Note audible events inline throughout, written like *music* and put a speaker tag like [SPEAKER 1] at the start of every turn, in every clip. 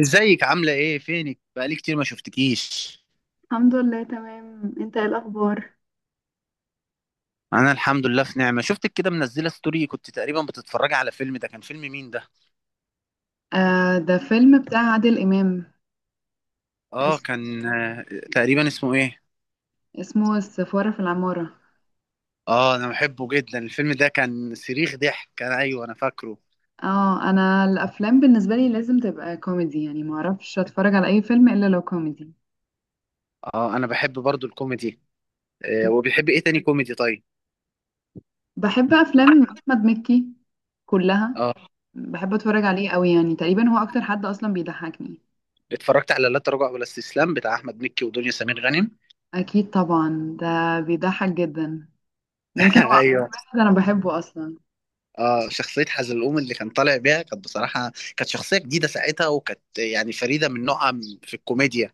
[SPEAKER 1] ازيك؟ عاملة ايه؟ فينك بقالي كتير ما شفتكيش.
[SPEAKER 2] الحمد لله، تمام. انت ايه الاخبار؟
[SPEAKER 1] انا الحمد لله في نعمة. شفتك كده منزلة ستوري، كنت تقريبا بتتفرجي على فيلم، ده كان فيلم مين ده؟
[SPEAKER 2] آه، ده فيلم بتاع عادل إمام.
[SPEAKER 1] اه
[SPEAKER 2] اس-
[SPEAKER 1] كان، تقريبا اسمه ايه؟
[SPEAKER 2] اسمه السفارة في العمارة.
[SPEAKER 1] اه انا بحبه جدا الفيلم ده، كان صريخ ضحك، كان ايوه انا فاكره.
[SPEAKER 2] اه، انا الافلام بالنسبه لي لازم تبقى كوميدي، يعني ما اعرفش اتفرج على اي فيلم الا لو كوميدي.
[SPEAKER 1] اه انا بحب برضو الكوميدي. آه، وبيحب ايه تاني كوميدي طيب؟
[SPEAKER 2] بحب افلام احمد مكي كلها.
[SPEAKER 1] اه
[SPEAKER 2] بحب اتفرج عليه قوي، يعني تقريبا هو اكتر حد اصلا بيضحكني.
[SPEAKER 1] اتفرجت على لا تراجع ولا استسلام بتاع احمد مكي ودنيا سمير غانم.
[SPEAKER 2] اكيد طبعا، ده بيضحك جدا.
[SPEAKER 1] *laughs*
[SPEAKER 2] يمكن هو اكتر
[SPEAKER 1] ايوه.
[SPEAKER 2] واحد انا بحبه اصلا.
[SPEAKER 1] اه شخصية حزلقوم اللي كان طالع بيها كانت بصراحة كانت شخصية جديدة ساعتها، وكانت يعني فريدة من نوعها في الكوميديا.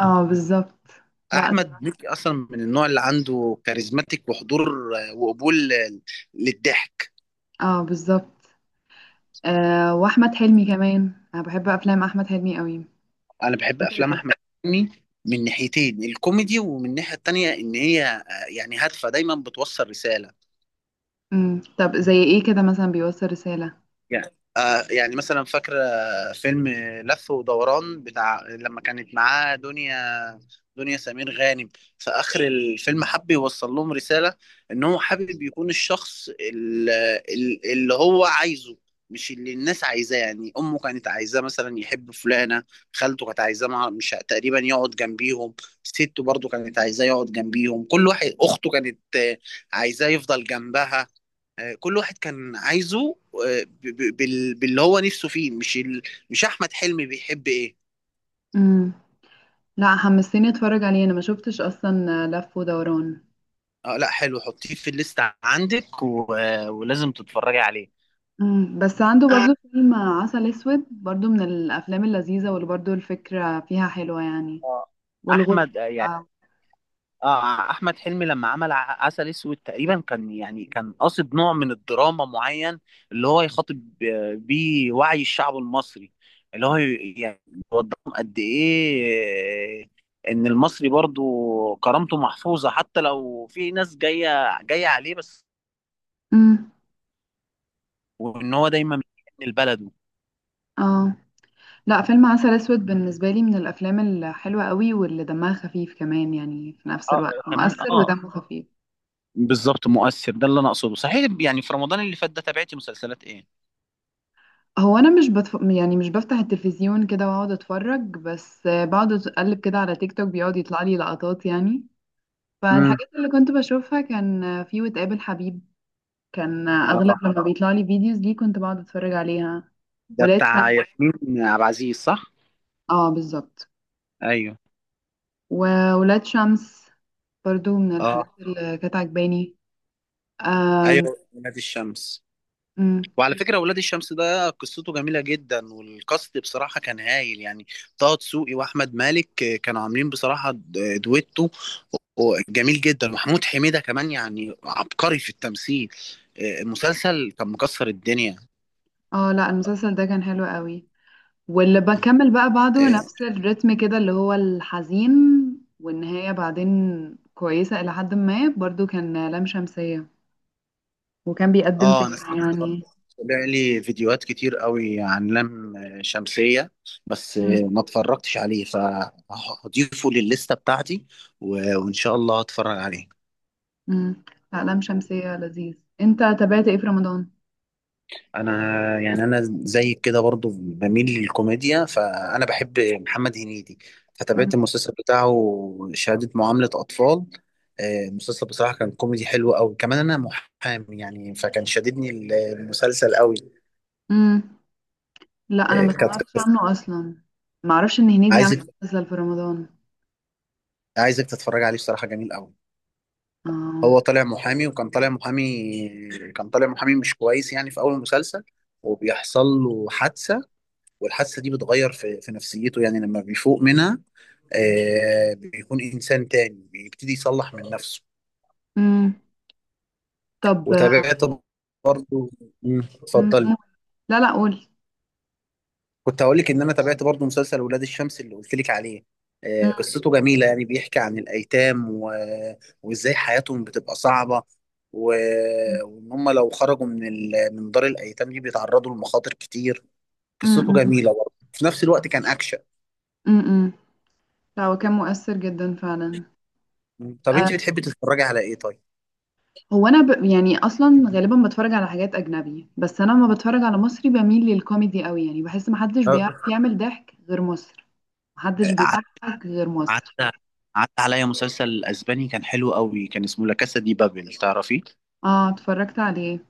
[SPEAKER 2] اه، بالظبط. لا،
[SPEAKER 1] أحمد
[SPEAKER 2] صراحة.
[SPEAKER 1] مكي أصلا من النوع اللي عنده كاريزماتيك وحضور وقبول للضحك.
[SPEAKER 2] اه، بالظبط. أه، واحمد حلمي كمان، انا بحب افلام احمد حلمي قوي،
[SPEAKER 1] أنا بحب
[SPEAKER 2] بالذات
[SPEAKER 1] أفلام
[SPEAKER 2] القديم.
[SPEAKER 1] أحمد مكي من ناحيتين: الكوميدي، ومن الناحية التانية إن هي يعني هادفة دايما بتوصل رسالة.
[SPEAKER 2] طب زي ايه كده مثلا بيوصل رسالة؟
[SPEAKER 1] يعني يعني مثلا فاكرة فيلم لف ودوران بتاع لما كانت معاه دنيا سمير غانم، في آخر الفيلم حب يوصل لهم رسالة إن هو حابب يكون الشخص اللي هو عايزه، مش اللي الناس عايزاه. يعني أمه كانت عايزاه مثلا يحب فلانة، خالته كانت عايزاه مش تقريبا يقعد جنبيهم، سته برضو كانت عايزاه يقعد جنبيهم، كل واحد. أخته كانت عايزاه يفضل جنبها. كل واحد كان عايزه باللي هو نفسه فيه، مش مش أحمد حلمي بيحب إيه.
[SPEAKER 2] امم لا، حمستني اتفرج عليه. انا ما شفتش اصلا، لف ودوران.
[SPEAKER 1] اه لا حلو، حطيه في الليست عندك، و... ولازم تتفرجي عليه.
[SPEAKER 2] بس عنده برضو فيلم عسل اسود، برضو من الافلام اللذيذة، واللي برضو الفكرة فيها حلوة يعني.
[SPEAKER 1] اه
[SPEAKER 2] والغربة.
[SPEAKER 1] احمد، يعني اه احمد حلمي لما عمل عسل اسود تقريبا كان يعني كان قاصد نوع من الدراما معين، اللي هو يخاطب بيه وعي الشعب المصري، اللي هو يعني يوضحهم قد ايه ان المصري برضو كرامته محفوظة حتى لو في ناس جاية عليه، بس.
[SPEAKER 2] امم
[SPEAKER 1] وان هو دايما من لبلده.
[SPEAKER 2] اه، لا، فيلم عسل اسود بالنسبة لي من الافلام الحلوة قوي، واللي دمها خفيف كمان، يعني في نفس
[SPEAKER 1] اه
[SPEAKER 2] الوقت
[SPEAKER 1] تمام
[SPEAKER 2] مؤثر
[SPEAKER 1] اه،
[SPEAKER 2] ودمه خفيف.
[SPEAKER 1] بالظبط مؤثر، ده اللي انا اقصده صحيح. يعني في رمضان اللي فات ده تابعتي مسلسلات ايه؟
[SPEAKER 2] هو انا مش بتف... يعني مش بفتح التلفزيون كده واقعد اتفرج، بس بقعد اقلب كده على تيك توك، بيقعد يطلع لي لقطات يعني.
[SPEAKER 1] امم،
[SPEAKER 2] فالحاجات اللي كنت بشوفها كان في وتقابل حبيب. كان اغلب
[SPEAKER 1] اه
[SPEAKER 2] لما بيطلع لي فيديوز دي كنت بقعد اتفرج عليها.
[SPEAKER 1] ده
[SPEAKER 2] ولاد
[SPEAKER 1] بتاع
[SPEAKER 2] شمس.
[SPEAKER 1] ياسمين عبد العزيز، صح؟
[SPEAKER 2] اه، بالظبط.
[SPEAKER 1] ايوه.
[SPEAKER 2] وولاد شمس برضو من الحاجات
[SPEAKER 1] اه
[SPEAKER 2] اللي كانت عجباني. آم،
[SPEAKER 1] ايوه ولاد الشمس،
[SPEAKER 2] أمم.
[SPEAKER 1] وعلى فكرة ولاد الشمس ده قصته جميلة جدا، والكاست بصراحة كان هايل يعني. طه دسوقي وأحمد مالك كانوا عاملين بصراحة دويتو و- جميل جدا. محمود حميدة كمان يعني عبقري في التمثيل. المسلسل كان مكسر الدنيا.
[SPEAKER 2] اه، لا، المسلسل ده كان حلو قوي، واللي بكمل بقى بعده
[SPEAKER 1] آه،
[SPEAKER 2] نفس الريتم كده اللي هو الحزين، والنهاية بعدين كويسة إلى حد ما. برضو كان لام شمسية، وكان بيقدم
[SPEAKER 1] اه انا
[SPEAKER 2] فكرة
[SPEAKER 1] سمعت
[SPEAKER 2] يعني.
[SPEAKER 1] برضه، طلع لي فيديوهات كتير قوي عن لم شمسية، بس
[SPEAKER 2] مم.
[SPEAKER 1] ما اتفرجتش عليه، فهضيفه للستة بتاعتي، وان شاء الله هتفرج عليه.
[SPEAKER 2] مم. لا، لام شمسية لذيذ. انت تابعت ايه في رمضان؟
[SPEAKER 1] انا يعني انا زي كده برضو بميل للكوميديا، فانا بحب محمد هنيدي، فتابعت
[SPEAKER 2] مم.
[SPEAKER 1] المسلسل بتاعه شهادة معاملة اطفال. المسلسل بصراحة كان كوميدي حلو قوي، كمان انا محامي يعني، فكان شاددني المسلسل قوي.
[SPEAKER 2] مم. لا، أنا ما
[SPEAKER 1] كانت
[SPEAKER 2] سمعتش عنه أصلا. معرفش إن هنيدي عمل
[SPEAKER 1] عايزك
[SPEAKER 2] مسلسل في رمضان.
[SPEAKER 1] عايزك تتفرج عليه، الصراحة جميل قوي.
[SPEAKER 2] اه.
[SPEAKER 1] هو طالع محامي، وكان طالع محامي، كان طالع محامي مش كويس يعني في أول المسلسل، وبيحصل له حادثة، والحادثة دي بتغير في نفسيته يعني، لما بيفوق منها آه بيكون إنسان تاني، بيبتدي يصلح من نفسه.
[SPEAKER 2] مم. طب.
[SPEAKER 1] وتابعت برضه. مم.
[SPEAKER 2] مم.
[SPEAKER 1] اتفضل.
[SPEAKER 2] مم. لا، لا، قول.
[SPEAKER 1] كنت هقول لك ان انا تابعت برضو مسلسل ولاد الشمس اللي قلت لك عليه.
[SPEAKER 2] مم.
[SPEAKER 1] قصته جميله يعني، بيحكي عن الايتام، و... وازاي حياتهم بتبقى صعبه، و...
[SPEAKER 2] مم.
[SPEAKER 1] وان هم لو خرجوا من من دار الايتام دي بيتعرضوا لمخاطر كتير. قصته
[SPEAKER 2] مم.
[SPEAKER 1] جميله، برضو في نفس الوقت كان اكشن.
[SPEAKER 2] مم. مم. لا، هو كان مؤثر جدا فعلا.
[SPEAKER 1] طب انت
[SPEAKER 2] آه،
[SPEAKER 1] بتحبي تتفرجي على ايه طيب؟
[SPEAKER 2] هو انا يعني اصلا غالبا بتفرج على حاجات اجنبي، بس انا لما بتفرج على مصري بميل للكوميدي قوي، يعني بحس محدش
[SPEAKER 1] آه،
[SPEAKER 2] بيعرف يعمل ضحك غير مصر. محدش
[SPEAKER 1] ع-
[SPEAKER 2] بيضحك غير مصر.
[SPEAKER 1] عدى عدى عليا مسلسل اسباني كان حلو قوي، كان اسمه لا كاسا دي بابل، تعرفيه؟
[SPEAKER 2] اه، اتفرجت عليه.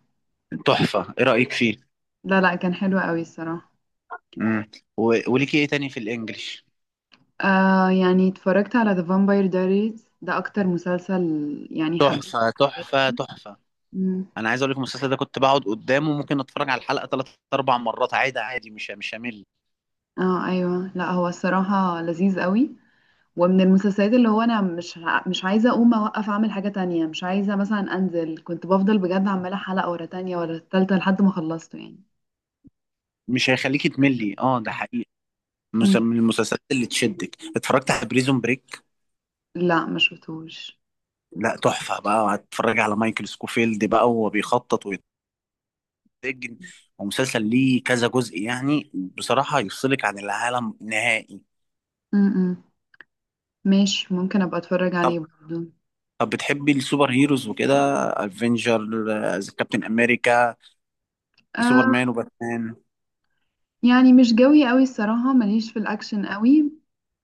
[SPEAKER 1] تحفه، ايه رايك فيه؟
[SPEAKER 2] لا، لا، كان حلو قوي الصراحة.
[SPEAKER 1] امم. و... وليكي ايه تاني في الانجليش؟
[SPEAKER 2] آه، يعني اتفرجت على The Vampire Diaries، ده اكتر مسلسل يعني حبيته
[SPEAKER 1] تحفة
[SPEAKER 2] في حياتي.
[SPEAKER 1] تحفة تحفة
[SPEAKER 2] مم.
[SPEAKER 1] انا عايز اقول لك المسلسل ده كنت بقعد قدامه، ممكن اتفرج على الحلقة ثلاث اربع مرات عادي، عادي، مش همل.
[SPEAKER 2] اه، ايوه، لا، هو الصراحة لذيذ قوي. ومن المسلسلات اللي هو انا مش عايزه اقوم اوقف اعمل حاجه تانية، مش عايزه مثلا انزل، كنت بفضل بجد عماله حلقه ورا تانية ورا تالتة لحد ما خلصته يعني.
[SPEAKER 1] مش هيخليكي تملي، اه ده حقيقي.
[SPEAKER 2] امم
[SPEAKER 1] من المسلسلات اللي تشدك، اتفرجت على بريزون بريك؟
[SPEAKER 2] لا، ما شفتوش.
[SPEAKER 1] لا تحفة بقى، هتتفرج على مايكل سكوفيلد بقى وهو بيخطط ويتسجن، ومسلسل ليه كذا جزء يعني، بصراحة يفصلك عن العالم نهائي.
[SPEAKER 2] امم ماشي، ممكن ابقى اتفرج
[SPEAKER 1] طب
[SPEAKER 2] عليه برضه.
[SPEAKER 1] طب بتحبي السوبر هيروز وكده؟ افنجر، كابتن امريكا،
[SPEAKER 2] آه،
[SPEAKER 1] سوبرمان وباتمان.
[SPEAKER 2] يعني مش جوي قوي الصراحه، ماليش في الاكشن قوي.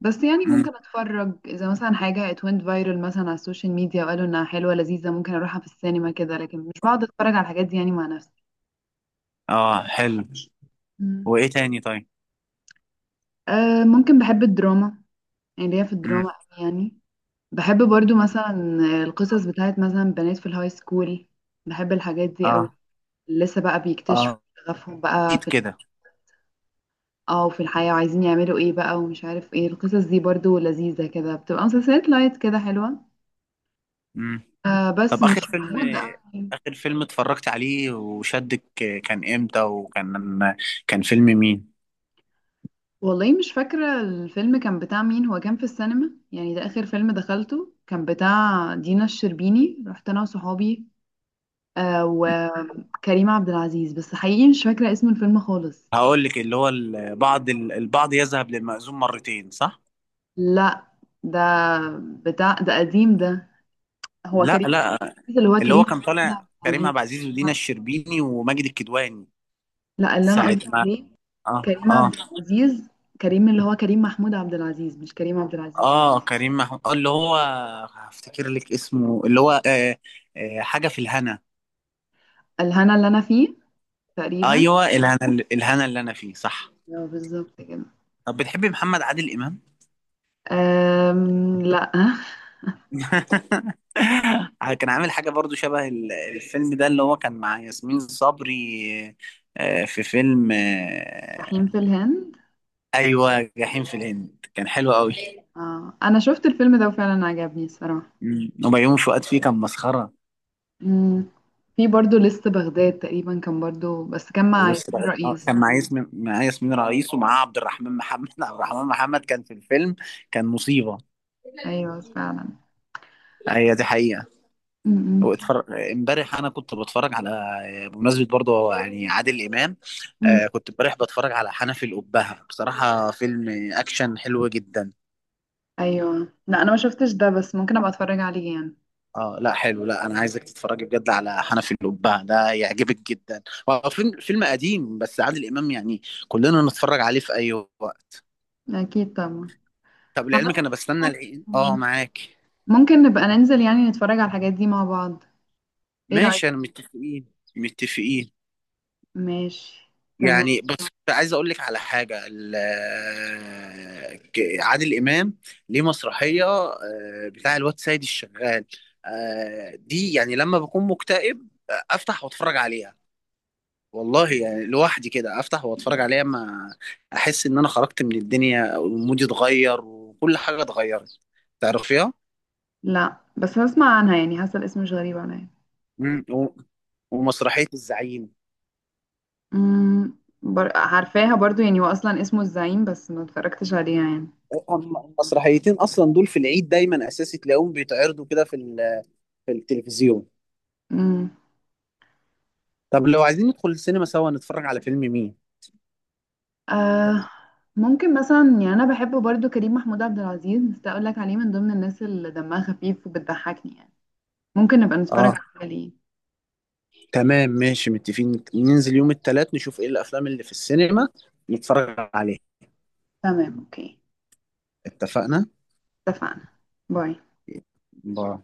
[SPEAKER 2] بس يعني
[SPEAKER 1] مم.
[SPEAKER 2] ممكن اتفرج اذا مثلا حاجه اتوينت فايرال مثلا على السوشيال ميديا وقالوا انها حلوه لذيذه، ممكن اروحها في السينما كده، لكن مش بقعد اتفرج على الحاجات دي يعني مع نفسي.
[SPEAKER 1] اه حلو.
[SPEAKER 2] مم.
[SPEAKER 1] وايه تاني طيب؟
[SPEAKER 2] آه، ممكن. بحب الدراما، يعني ليا في
[SPEAKER 1] امم،
[SPEAKER 2] الدراما أوي يعني. بحب برضو مثلا القصص بتاعت مثلا بنات في الهاي سكول. بحب الحاجات دي أوي.
[SPEAKER 1] اه
[SPEAKER 2] لسه بقى بيكتشفوا
[SPEAKER 1] اه،
[SPEAKER 2] شغفهم بقى
[SPEAKER 1] اكيد
[SPEAKER 2] في،
[SPEAKER 1] كده.
[SPEAKER 2] اه، وفي الحياة، وعايزين يعملوا ايه بقى ومش عارف ايه. القصص دي برضو لذيذة كده، بتبقى مسلسلات لايت كده حلوة.
[SPEAKER 1] امم.
[SPEAKER 2] آه، بس
[SPEAKER 1] طب
[SPEAKER 2] مش
[SPEAKER 1] اخر فيلم،
[SPEAKER 2] موجود أوي.
[SPEAKER 1] اخر فيلم اتفرجت عليه وشدك كان امتى؟ وكان كان فيلم مين؟
[SPEAKER 2] والله مش فاكرة الفيلم كان بتاع مين. هو كان في السينما يعني، ده آخر فيلم دخلته، كان بتاع دينا الشربيني، رحت أنا وصحابي. آه، وكريم عبد العزيز. بس حقيقي مش فاكرة اسم الفيلم خالص.
[SPEAKER 1] هقول لك اللي هو البعض يذهب للمأذون مرتين، صح؟
[SPEAKER 2] لا، ده بتاع، ده قديم، ده هو
[SPEAKER 1] لا
[SPEAKER 2] كريم عبد
[SPEAKER 1] لا
[SPEAKER 2] العزيز، اللي هو
[SPEAKER 1] اللي هو
[SPEAKER 2] كريم
[SPEAKER 1] كان
[SPEAKER 2] محمود
[SPEAKER 1] طالع
[SPEAKER 2] عبد
[SPEAKER 1] كريم
[SPEAKER 2] العزيز.
[SPEAKER 1] عبد العزيز ودينا الشربيني وماجد الكدواني
[SPEAKER 2] لا، اللي انا
[SPEAKER 1] ساعة
[SPEAKER 2] قصدي
[SPEAKER 1] ما،
[SPEAKER 2] عليه
[SPEAKER 1] اه
[SPEAKER 2] كريم عبد
[SPEAKER 1] اه.
[SPEAKER 2] العزيز. كريم، اللي هو كريم محمود عبد العزيز، مش كريم عبد العزيز.
[SPEAKER 1] اه كريم محمود، اللي هو هفتكر لك اسمه اللي هو حاجة في الهنا.
[SPEAKER 2] الهنا اللي انا فيه تقريبا.
[SPEAKER 1] ايوه، الهنا، الهنا اللي انا فيه، صح.
[SPEAKER 2] أيوة، بالظبط كده.
[SPEAKER 1] طب بتحبي محمد عادل امام؟
[SPEAKER 2] لا.
[SPEAKER 1] *laughs* كان عامل حاجه برضو شبه الفيلم ده اللي هو كان مع ياسمين صبري، آه، في فيلم
[SPEAKER 2] *laughs* جحيم
[SPEAKER 1] آه،
[SPEAKER 2] في الهند.
[SPEAKER 1] ايوه جحيم في الهند كان حلو قوي.
[SPEAKER 2] آه. انا شفت الفيلم ده وفعلا عجبني الصراحة.
[SPEAKER 1] مم. وبيومي فؤاد فيه كان مسخره.
[SPEAKER 2] مم. في برضو لست بغداد، تقريبا كان برضو، بس كان مع
[SPEAKER 1] ولسه
[SPEAKER 2] ياسمين
[SPEAKER 1] بقى- آه،
[SPEAKER 2] رئيس.
[SPEAKER 1] كان مع ياسمين رئيس، ومعاه عبد الرحمن محمد. *laughs* عبد الرحمن محمد كان في الفيلم، كان مصيبه.
[SPEAKER 2] ايوه، فعلا.
[SPEAKER 1] هي دي حقيقه.
[SPEAKER 2] مم.
[SPEAKER 1] واتفرج، امبارح انا كنت بتفرج على، بمناسبه برضه يعني عادل امام،
[SPEAKER 2] مم.
[SPEAKER 1] آه كنت امبارح بتفرج على حنفي الأبهة، بصراحه فيلم اكشن حلو جدا.
[SPEAKER 2] ايوه، لا، انا ما شفتش ده، بس ممكن ابقى اتفرج عليه يعني.
[SPEAKER 1] اه لا حلو، لا انا عايزك تتفرجي بجد على حنفي الأبهة ده، يعجبك جدا. هو فيلم قديم بس عادل امام يعني، كلنا نتفرج عليه في اي وقت.
[SPEAKER 2] اكيد طبعا.
[SPEAKER 1] طب لعلمك انا
[SPEAKER 2] عامة،
[SPEAKER 1] بستنى العيد اه معاك.
[SPEAKER 2] ممكن نبقى ننزل يعني نتفرج على الحاجات دي مع بعض. ايه رأيك؟
[SPEAKER 1] ماشي انا متفقين. متفقين.
[SPEAKER 2] ماشي.
[SPEAKER 1] يعني
[SPEAKER 2] تمام.
[SPEAKER 1] بص عايز اقول لك على حاجه، عادل امام ليه مسرحيه، بتاع الواد سيد الشغال دي، يعني لما بكون مكتئب افتح واتفرج عليها، والله يعني لوحدي كده افتح واتفرج عليها، ما احس ان انا خرجت من الدنيا، ومودي اتغير، وكل حاجه اتغيرت. تعرفيها؟
[SPEAKER 2] لا، بس هسمع عنها يعني، حاسه الاسم مش غريب عليا.
[SPEAKER 1] مم. ومسرحية الزعيم.
[SPEAKER 2] عارفاها برضو يعني، هو اصلا اسمه الزعيم، بس ما اتفرجتش عليها يعني.
[SPEAKER 1] المسرحيتين أصلا دول في العيد دايما أساسي تلاقيهم بيتعرضوا كده في في التلفزيون.
[SPEAKER 2] امم.
[SPEAKER 1] طب لو عايزين ندخل السينما سوا نتفرج على فيلم مين؟
[SPEAKER 2] آه، ممكن مثلا يعني، انا بحب برضو كريم محمود عبد العزيز، بس اقول لك عليه من ضمن الناس اللي دمها خفيف وبتضحكني يعني. ممكن نبقى نتفرج
[SPEAKER 1] اه
[SPEAKER 2] عليه.
[SPEAKER 1] تمام ماشي متفقين، ننزل يوم التلات نشوف ايه الافلام اللي في السينما نتفرج عليها.
[SPEAKER 2] تمام، اوكي.
[SPEAKER 1] اتفقنا؟
[SPEAKER 2] اتفقنا. باي.
[SPEAKER 1] باي.